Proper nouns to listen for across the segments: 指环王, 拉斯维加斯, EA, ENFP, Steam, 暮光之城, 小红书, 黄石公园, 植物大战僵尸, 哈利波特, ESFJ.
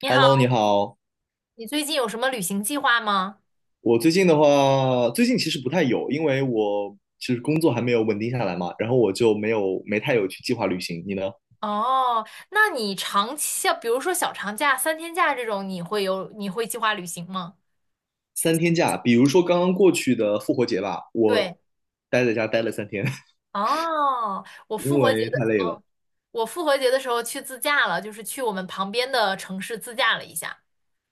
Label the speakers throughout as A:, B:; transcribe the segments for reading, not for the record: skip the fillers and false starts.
A: 你
B: Hello，你
A: 好，
B: 好。
A: 你最近有什么旅行计划吗？
B: 我最近其实不太有，因为我其实工作还没有稳定下来嘛，然后我就没太有去计划旅行。你呢？
A: 哦，那你长期，像比如说小长假、三天假这种，你会计划旅行吗？
B: 三天假，比如说刚刚过去的复活节吧，我
A: 对，
B: 待在家待了三天，
A: 哦，我复
B: 因
A: 活节
B: 为太
A: 的，
B: 累了
A: 我复活节的时候去自驾了，就是去我们旁边的城市自驾了一下。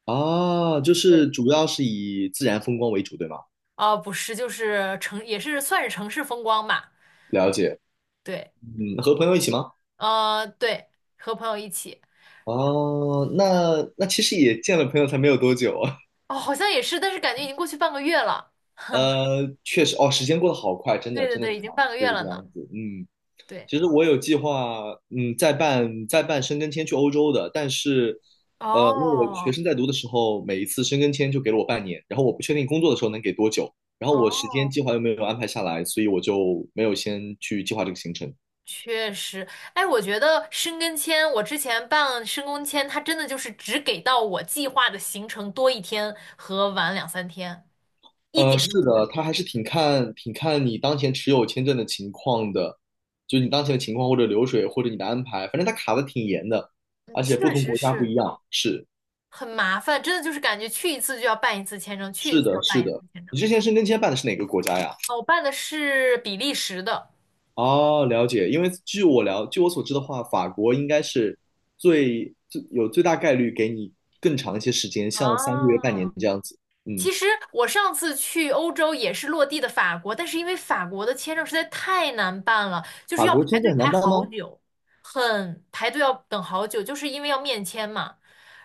B: 啊。就是
A: 对，
B: 主要是以自然风光为主，对吗？
A: 哦，不是，就是城，也是算是城市风光吧。
B: 了解。
A: 对，
B: 嗯，和朋友一起吗？
A: 对，和朋友一起。
B: 哦，那其实也见了朋友才没有多久啊。
A: 哦，好像也是，但是感觉已经过去半个月了。
B: 确实，哦，时间过得好快，真
A: 对
B: 的，
A: 对
B: 真的
A: 对，
B: 是
A: 已
B: 这
A: 经
B: 样，
A: 半个月
B: 是这
A: 了呢。
B: 样子。嗯。
A: 对，
B: 其实我有计划，再办申根签去欧洲的，但是，因为我学
A: 哦，
B: 生在读的时候，每一次申根签就给了我半年，然后我不确定工作的时候能给多久，然后我时间
A: 哦。
B: 计划又没有安排下来，所以我就没有先去计划这个行程。
A: 确实，哎，我觉得申根签，我之前办申根签，它真的就是只给到我计划的行程多一天和晚两三天，一点
B: 是
A: 都不会。
B: 的，它还是挺看你当前持有签证的情况的，就是你当前的情况或者流水或者你的安排，反正它卡的挺严的，
A: 嗯，
B: 而且不
A: 确
B: 同
A: 实
B: 国家不一
A: 是
B: 样。是
A: 很麻烦，真的就是感觉去一次就要办一次签证，去一
B: 是
A: 次就
B: 的，
A: 要
B: 是
A: 办一次
B: 的。
A: 签证。
B: 你之前申根签办的是哪个国家呀？
A: 哦，我办的是比利时的。
B: 哦，了解。因为据我了，据我所知的话，法国应该是最大概率给你更长一些时间，像三个月、半年
A: 啊，
B: 这样子。嗯，
A: 其实我上次去欧洲也是落地的法国，但是因为法国的签证实在太难办了，就是
B: 法
A: 要
B: 国
A: 排
B: 签证
A: 队
B: 很难
A: 排
B: 办
A: 好
B: 吗？
A: 久，很排队要等好久，就是因为要面签嘛，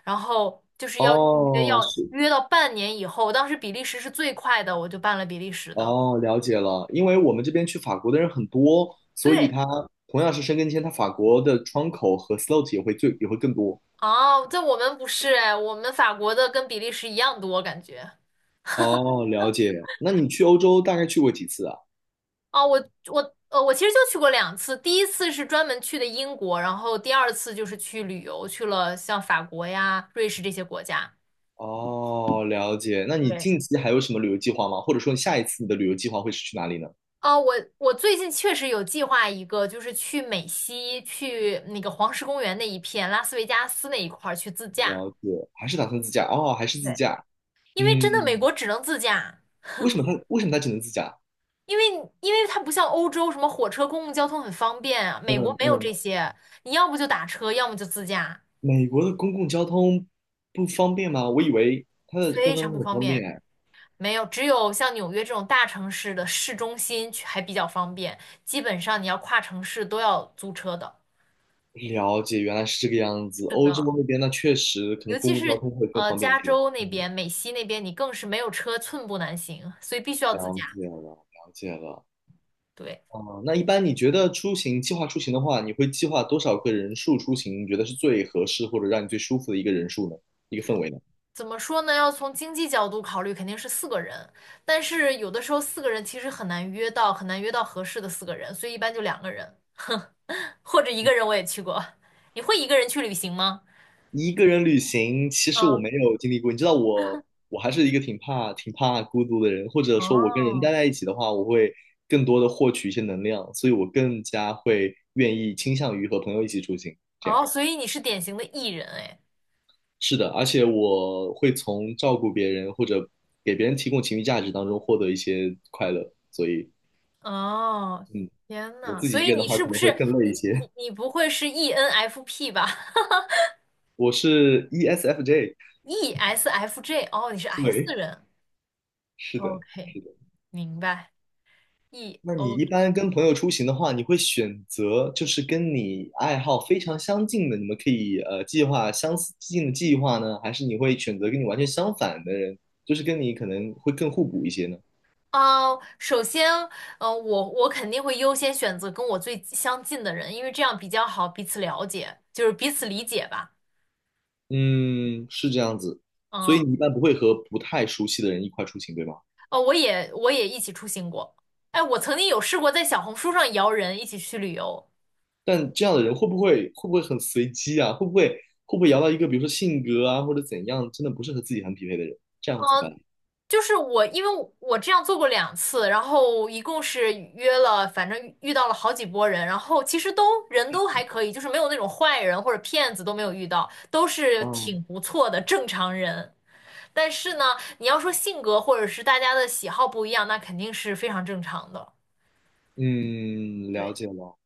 A: 然后就是要预约，
B: 哦，
A: 要
B: 是，
A: 约到半年以后。当时比利时是最快的，我就办了比利时的。
B: 哦，了解了。因为我们这边去法国的人很多，所以
A: 对，
B: 他同样是申根签，他法国的窗口和 slot 也会更多。
A: 哦，在我们不是哎，我们法国的跟比利时一样多，感觉。
B: 哦，了解。那你去欧洲大概去过几次啊？
A: 哦，我其实就去过两次，第一次是专门去的英国，然后第二次就是去旅游，去了像法国呀、瑞士这些国家。
B: 哦，了解。那你
A: 对，
B: 近期还有什么旅游计划吗？或者说你下一次你的旅游计划会是去哪里呢？
A: 哦，我最近确实有计划一个，就是去美西，去那个黄石公园那一片，拉斯维加斯那一块儿去自驾，
B: 了解，还是打算自驾哦，还是自
A: 对，
B: 驾。
A: 因为真的美
B: 嗯，
A: 国只能自驾，
B: 为什么他只能自驾？
A: 因为因为它不像欧洲什么火车、公共交通很方便啊，美国
B: 嗯
A: 没有
B: 嗯，
A: 这些，你要不就打车，要么就自驾，
B: 美国的公共交通不方便吗？我以为它的公
A: 非
B: 共交
A: 常不
B: 通很
A: 方
B: 方
A: 便。
B: 便。
A: 没有，只有像纽约这种大城市的市中心去还比较方便，基本上你要跨城市都要租车的。
B: 了解，原来是这个样子。
A: 是
B: 欧洲
A: 的，
B: 那边那确实可
A: 尤
B: 能公
A: 其
B: 共交
A: 是
B: 通会更方便一
A: 加
B: 些。
A: 州那
B: 嗯，
A: 边、美西那边，你更是没有车寸步难行，所以必须要自
B: 了
A: 驾。
B: 解了，了解了。
A: 对，
B: 哦，那一般你觉得出行计划出行的话，你会计划多少个人数出行？你觉得是最合适或者让你最舒服的一个人数呢？一个氛围呢？
A: 怎么说呢？要从经济角度考虑，肯定是四个人，但是有的时候四个人其实很难约到，很难约到合适的四个人，所以一般就两个人，或者一个人我也去过。你会一个人去旅行吗？
B: 一个人旅行，其实我
A: 嗯，
B: 没有经历过。你知道我，我还是一个挺怕、挺怕孤独的人，或者说，我跟人
A: 哦，
B: 待在一起的话，我会更多的获取一些能量，所以我更加会愿意倾向于和朋友一起出行。这样
A: 哦，所以你是典型的 E 人哎。
B: 是的，而且我会从照顾别人或者给别人提供情绪价值当中获得一些快乐。所以，
A: 哦，
B: 嗯，
A: 天
B: 我
A: 呐，
B: 自
A: 所
B: 己一个
A: 以
B: 人的
A: 你
B: 话，
A: 是
B: 可
A: 不
B: 能会
A: 是
B: 更累
A: 你
B: 一些。
A: 你不会是 ENFP 吧
B: 我是 ESFJ,
A: ？ESFJ，哦，你是 S 人。
B: 是的，
A: OK，
B: 是的。
A: 明白。E
B: 那你
A: O
B: 一般跟朋友出行的话，你会选择就是跟你爱好非常相近的，你们可以计划相似近的计划呢，还是你会选择跟你完全相反的人，就是跟你可能会更互补一些呢？
A: 哦，首先，我肯定会优先选择跟我最相近的人，因为这样比较好彼此了解，就是彼此理解吧。
B: 嗯，是这样子，所以
A: 嗯，
B: 你一般不会和不太熟悉的人一块出行，对吗？
A: 哦，我也一起出行过。哎，我曾经有试过在小红书上摇人一起去旅游，
B: 但这样的人会不会很随机啊？会不会摇到一个比如说性格啊或者怎样，真的不是和自己很匹配的人，这样怎么办？
A: 就是我，因为我这样做过两次，然后一共是约了，反正遇到了好几波人，然后其实人还可以，就是没有那种坏人或者骗子都没有遇到，都是
B: 哦，
A: 挺不错的正常人。但是呢，你要说性格或者是大家的喜好不一样，那肯定是非常正常的。
B: 嗯，了
A: 对，
B: 解了。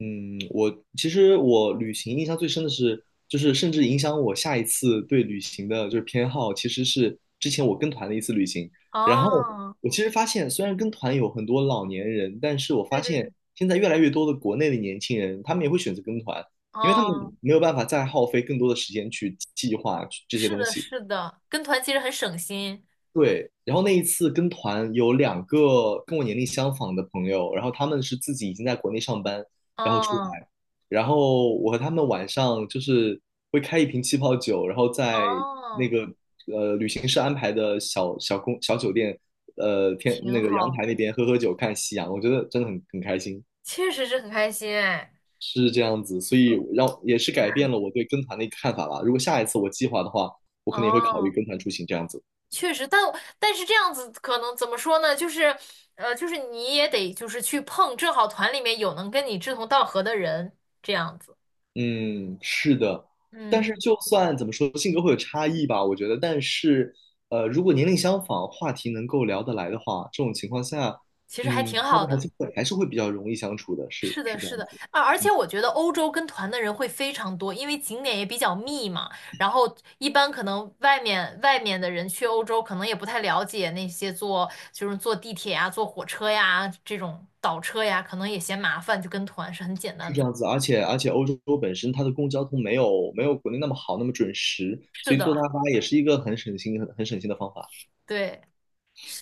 B: 嗯，其实我旅行印象最深的是，就是甚至影响我下一次对旅行的就是偏好，其实是之前我跟团的一次旅行。然后
A: 哦，
B: 我其实发现，虽然跟团有很多老年人，但是我发
A: 对对对，
B: 现现在越来越多的国内的年轻人，他们也会选择跟团，因为他们
A: 哦，
B: 没有办法再耗费更多的时间去计划这些
A: 是
B: 东
A: 的，
B: 西。
A: 是的，跟团其实很省心。
B: 对，然后那一次跟团有两个跟我年龄相仿的朋友，然后他们是自己已经在国内上班，然后出
A: 哦，
B: 来，然后我和他们晚上就是会开一瓶气泡酒，然后在那
A: 哦，
B: 个旅行社安排的小酒店，天
A: 挺
B: 那个阳
A: 好，
B: 台那边喝喝酒看夕阳，我觉得真的很开心，
A: 确实是很开心哎。
B: 是这样子，所以让也是改变了我对跟团的一个看法吧。如果下一次我计划的话，我可能也会考虑
A: 哦。
B: 跟团出行这样子。
A: 确实，但但是这样子可能怎么说呢？就是，就是你也得就是去碰，正好团里面有能跟你志同道合的人，这样子，
B: 嗯，是的，但
A: 嗯，
B: 是就算怎么说，性格会有差异吧，我觉得。但是，如果年龄相仿，话题能够聊得来的话，这种情况下，
A: 其实还
B: 嗯，
A: 挺
B: 大
A: 好
B: 家还
A: 的。
B: 是会还是会比较容易相处的，是
A: 是的，
B: 是这
A: 是
B: 样
A: 的，
B: 子，
A: 啊，而且
B: 嗯，
A: 我觉得欧洲跟团的人会非常多，因为景点也比较密嘛。然后一般可能外面的人去欧洲，可能也不太了解那些坐就是坐地铁呀、坐火车呀这种倒车呀，可能也嫌麻烦，就跟团是很简
B: 是
A: 单
B: 这
A: 的。
B: 样子。而且，欧洲本身它的公共交通没有国内那么好，那么准时，
A: 是
B: 所以坐大
A: 的，
B: 巴也是一个很省心的方法。
A: 对。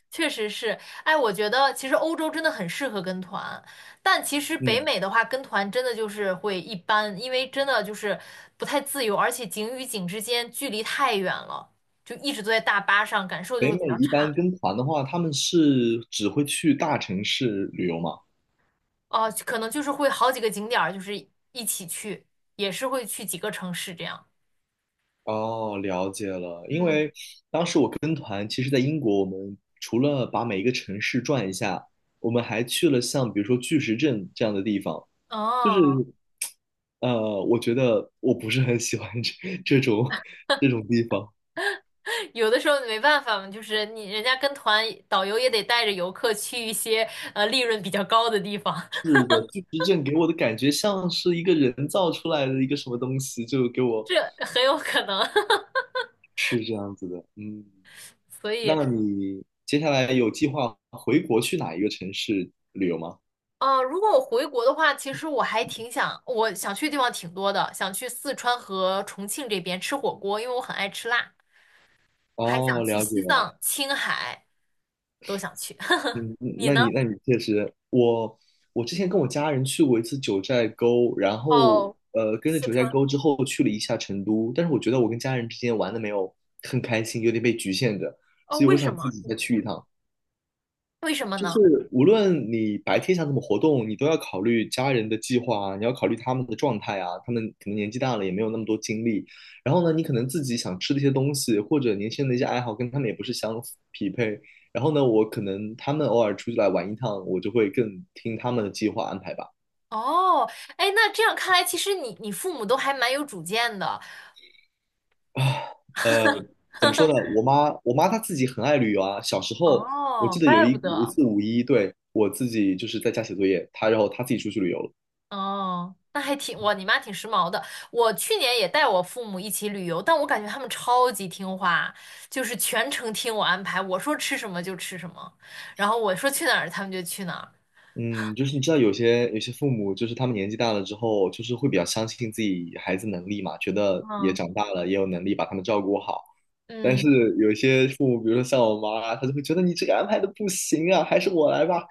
A: 确实是，哎，我觉得其实欧洲真的很适合跟团，但其实北
B: 嗯，
A: 美的话，跟团真的就是会一般，因为真的就是不太自由，而且景与景之间距离太远了，就一直坐在大巴上，感受就
B: 北
A: 会比
B: 美
A: 较
B: 一般
A: 差。
B: 跟团的话，他们是只会去大城市旅游嘛？
A: 哦、可能就是会好几个景点儿，就是一起去，也是会去几个城市这样。
B: 哦，了解了。因
A: 嗯，
B: 为当时我跟团，其实在英国，我们除了把每一个城市转一下，我们还去了像比如说巨石阵这样的地方。就是，
A: 哦，
B: 我觉得我不是很喜欢 这种这种地方。
A: 有的时候没办法嘛，就是你人家跟团，导游也得带着游客去一些利润比较高的地方，
B: 是的，巨石阵给我的感觉像是一个人造出来的一个什么东西，就给我
A: 这很有可能。
B: 是这样子的。嗯，
A: 所以，
B: 那你接下来有计划回国去哪一个城市旅游吗？
A: 呃，如果我回国的话，其实我还挺想，我想去的地方挺多的，想去四川和重庆这边吃火锅，因为我很爱吃辣，还想
B: 哦，
A: 去
B: 了解。
A: 西藏、青海，都想去。
B: 嗯，
A: 你
B: 那
A: 呢？
B: 你确实，我之前跟我家人去过一次九寨沟，然后
A: 哦，
B: 跟着
A: 四
B: 九寨
A: 川，
B: 沟之后去了一下成都，但是我觉得我跟家人之间玩的没有很开心，有点被局限着，
A: 哦，
B: 所以我
A: 为什
B: 想自
A: 么？
B: 己
A: 你
B: 再
A: 你
B: 去一趟。
A: 为什么
B: 就
A: 呢？
B: 是无论你白天想怎么活动，你都要考虑家人的计划啊，你要考虑他们的状态啊，他们可能年纪大了也没有那么多精力。然后呢，你可能自己想吃的一些东西，或者年轻人的一些爱好跟他们也不是相匹配。然后呢，我可能他们偶尔出去来玩一趟，我就会更听他们的计划安排吧。
A: 哦，哎，那这样看来，其实你父母都还蛮有主见的。
B: 啊，呃，怎么说呢？我妈她自己很爱旅游啊。小时候，我记
A: 哦，
B: 得有
A: 怪
B: 一
A: 不
B: 有一
A: 得。
B: 次五一，对，我自己就是在家写作业，然后她自己出去旅游了。
A: 哦，那还挺，哇，你妈挺时髦的。我去年也带我父母一起旅游，但我感觉他们超级听话，就是全程听我安排，我说吃什么就吃什么，然后我说去哪儿他们就去哪儿。
B: 嗯，就是你知道有些父母，就是他们年纪大了之后，就是会比较相信自己孩子能力嘛，觉得也
A: 嗯
B: 长大了，也有能力把他们照顾好。但是
A: 嗯，
B: 有一些父母，比如说像我妈啊，她就会觉得你这个安排的不行啊，还是我来吧。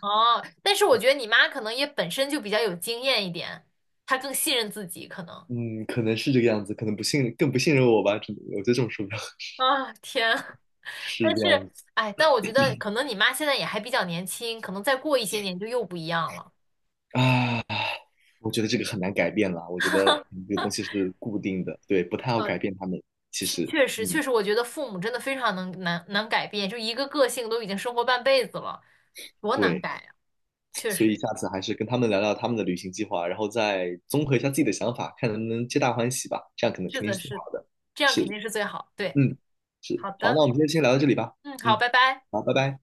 A: 哦，但是我觉得你妈可能也本身就比较有经验一点，她更信任自己可能。
B: 嗯，可能是这个样子，可能不信，更不信任我吧，只能我觉得这种说法
A: 啊，天啊！
B: 是
A: 但
B: 这
A: 是，
B: 样子
A: 哎，但我觉得可能你妈现在也还比较年轻，可能再过一些年就又不一样了。
B: 啊。我觉得这个很难改变啦，我觉得 这个东西是固定的，对，不太好
A: 呃，
B: 改变他们。其
A: 确
B: 实，
A: 确实
B: 嗯，
A: 确实，我觉得父母真的非常难改变，就一个个性都已经生活半辈子了，多难
B: 对。
A: 改呀！确
B: 所以
A: 实，
B: 下次还是跟他们聊聊他们的旅行计划，然后再综合一下自己的想法，看能不能皆大欢喜吧。这样可能肯
A: 是
B: 定
A: 的，
B: 是最好
A: 是的
B: 的。
A: 这样
B: 是，
A: 肯定是最好。对，
B: 嗯，是。
A: 好
B: 好，
A: 的，
B: 那我们今天先聊到这里吧。
A: 嗯，好，
B: 嗯，
A: 拜拜。
B: 好，拜拜。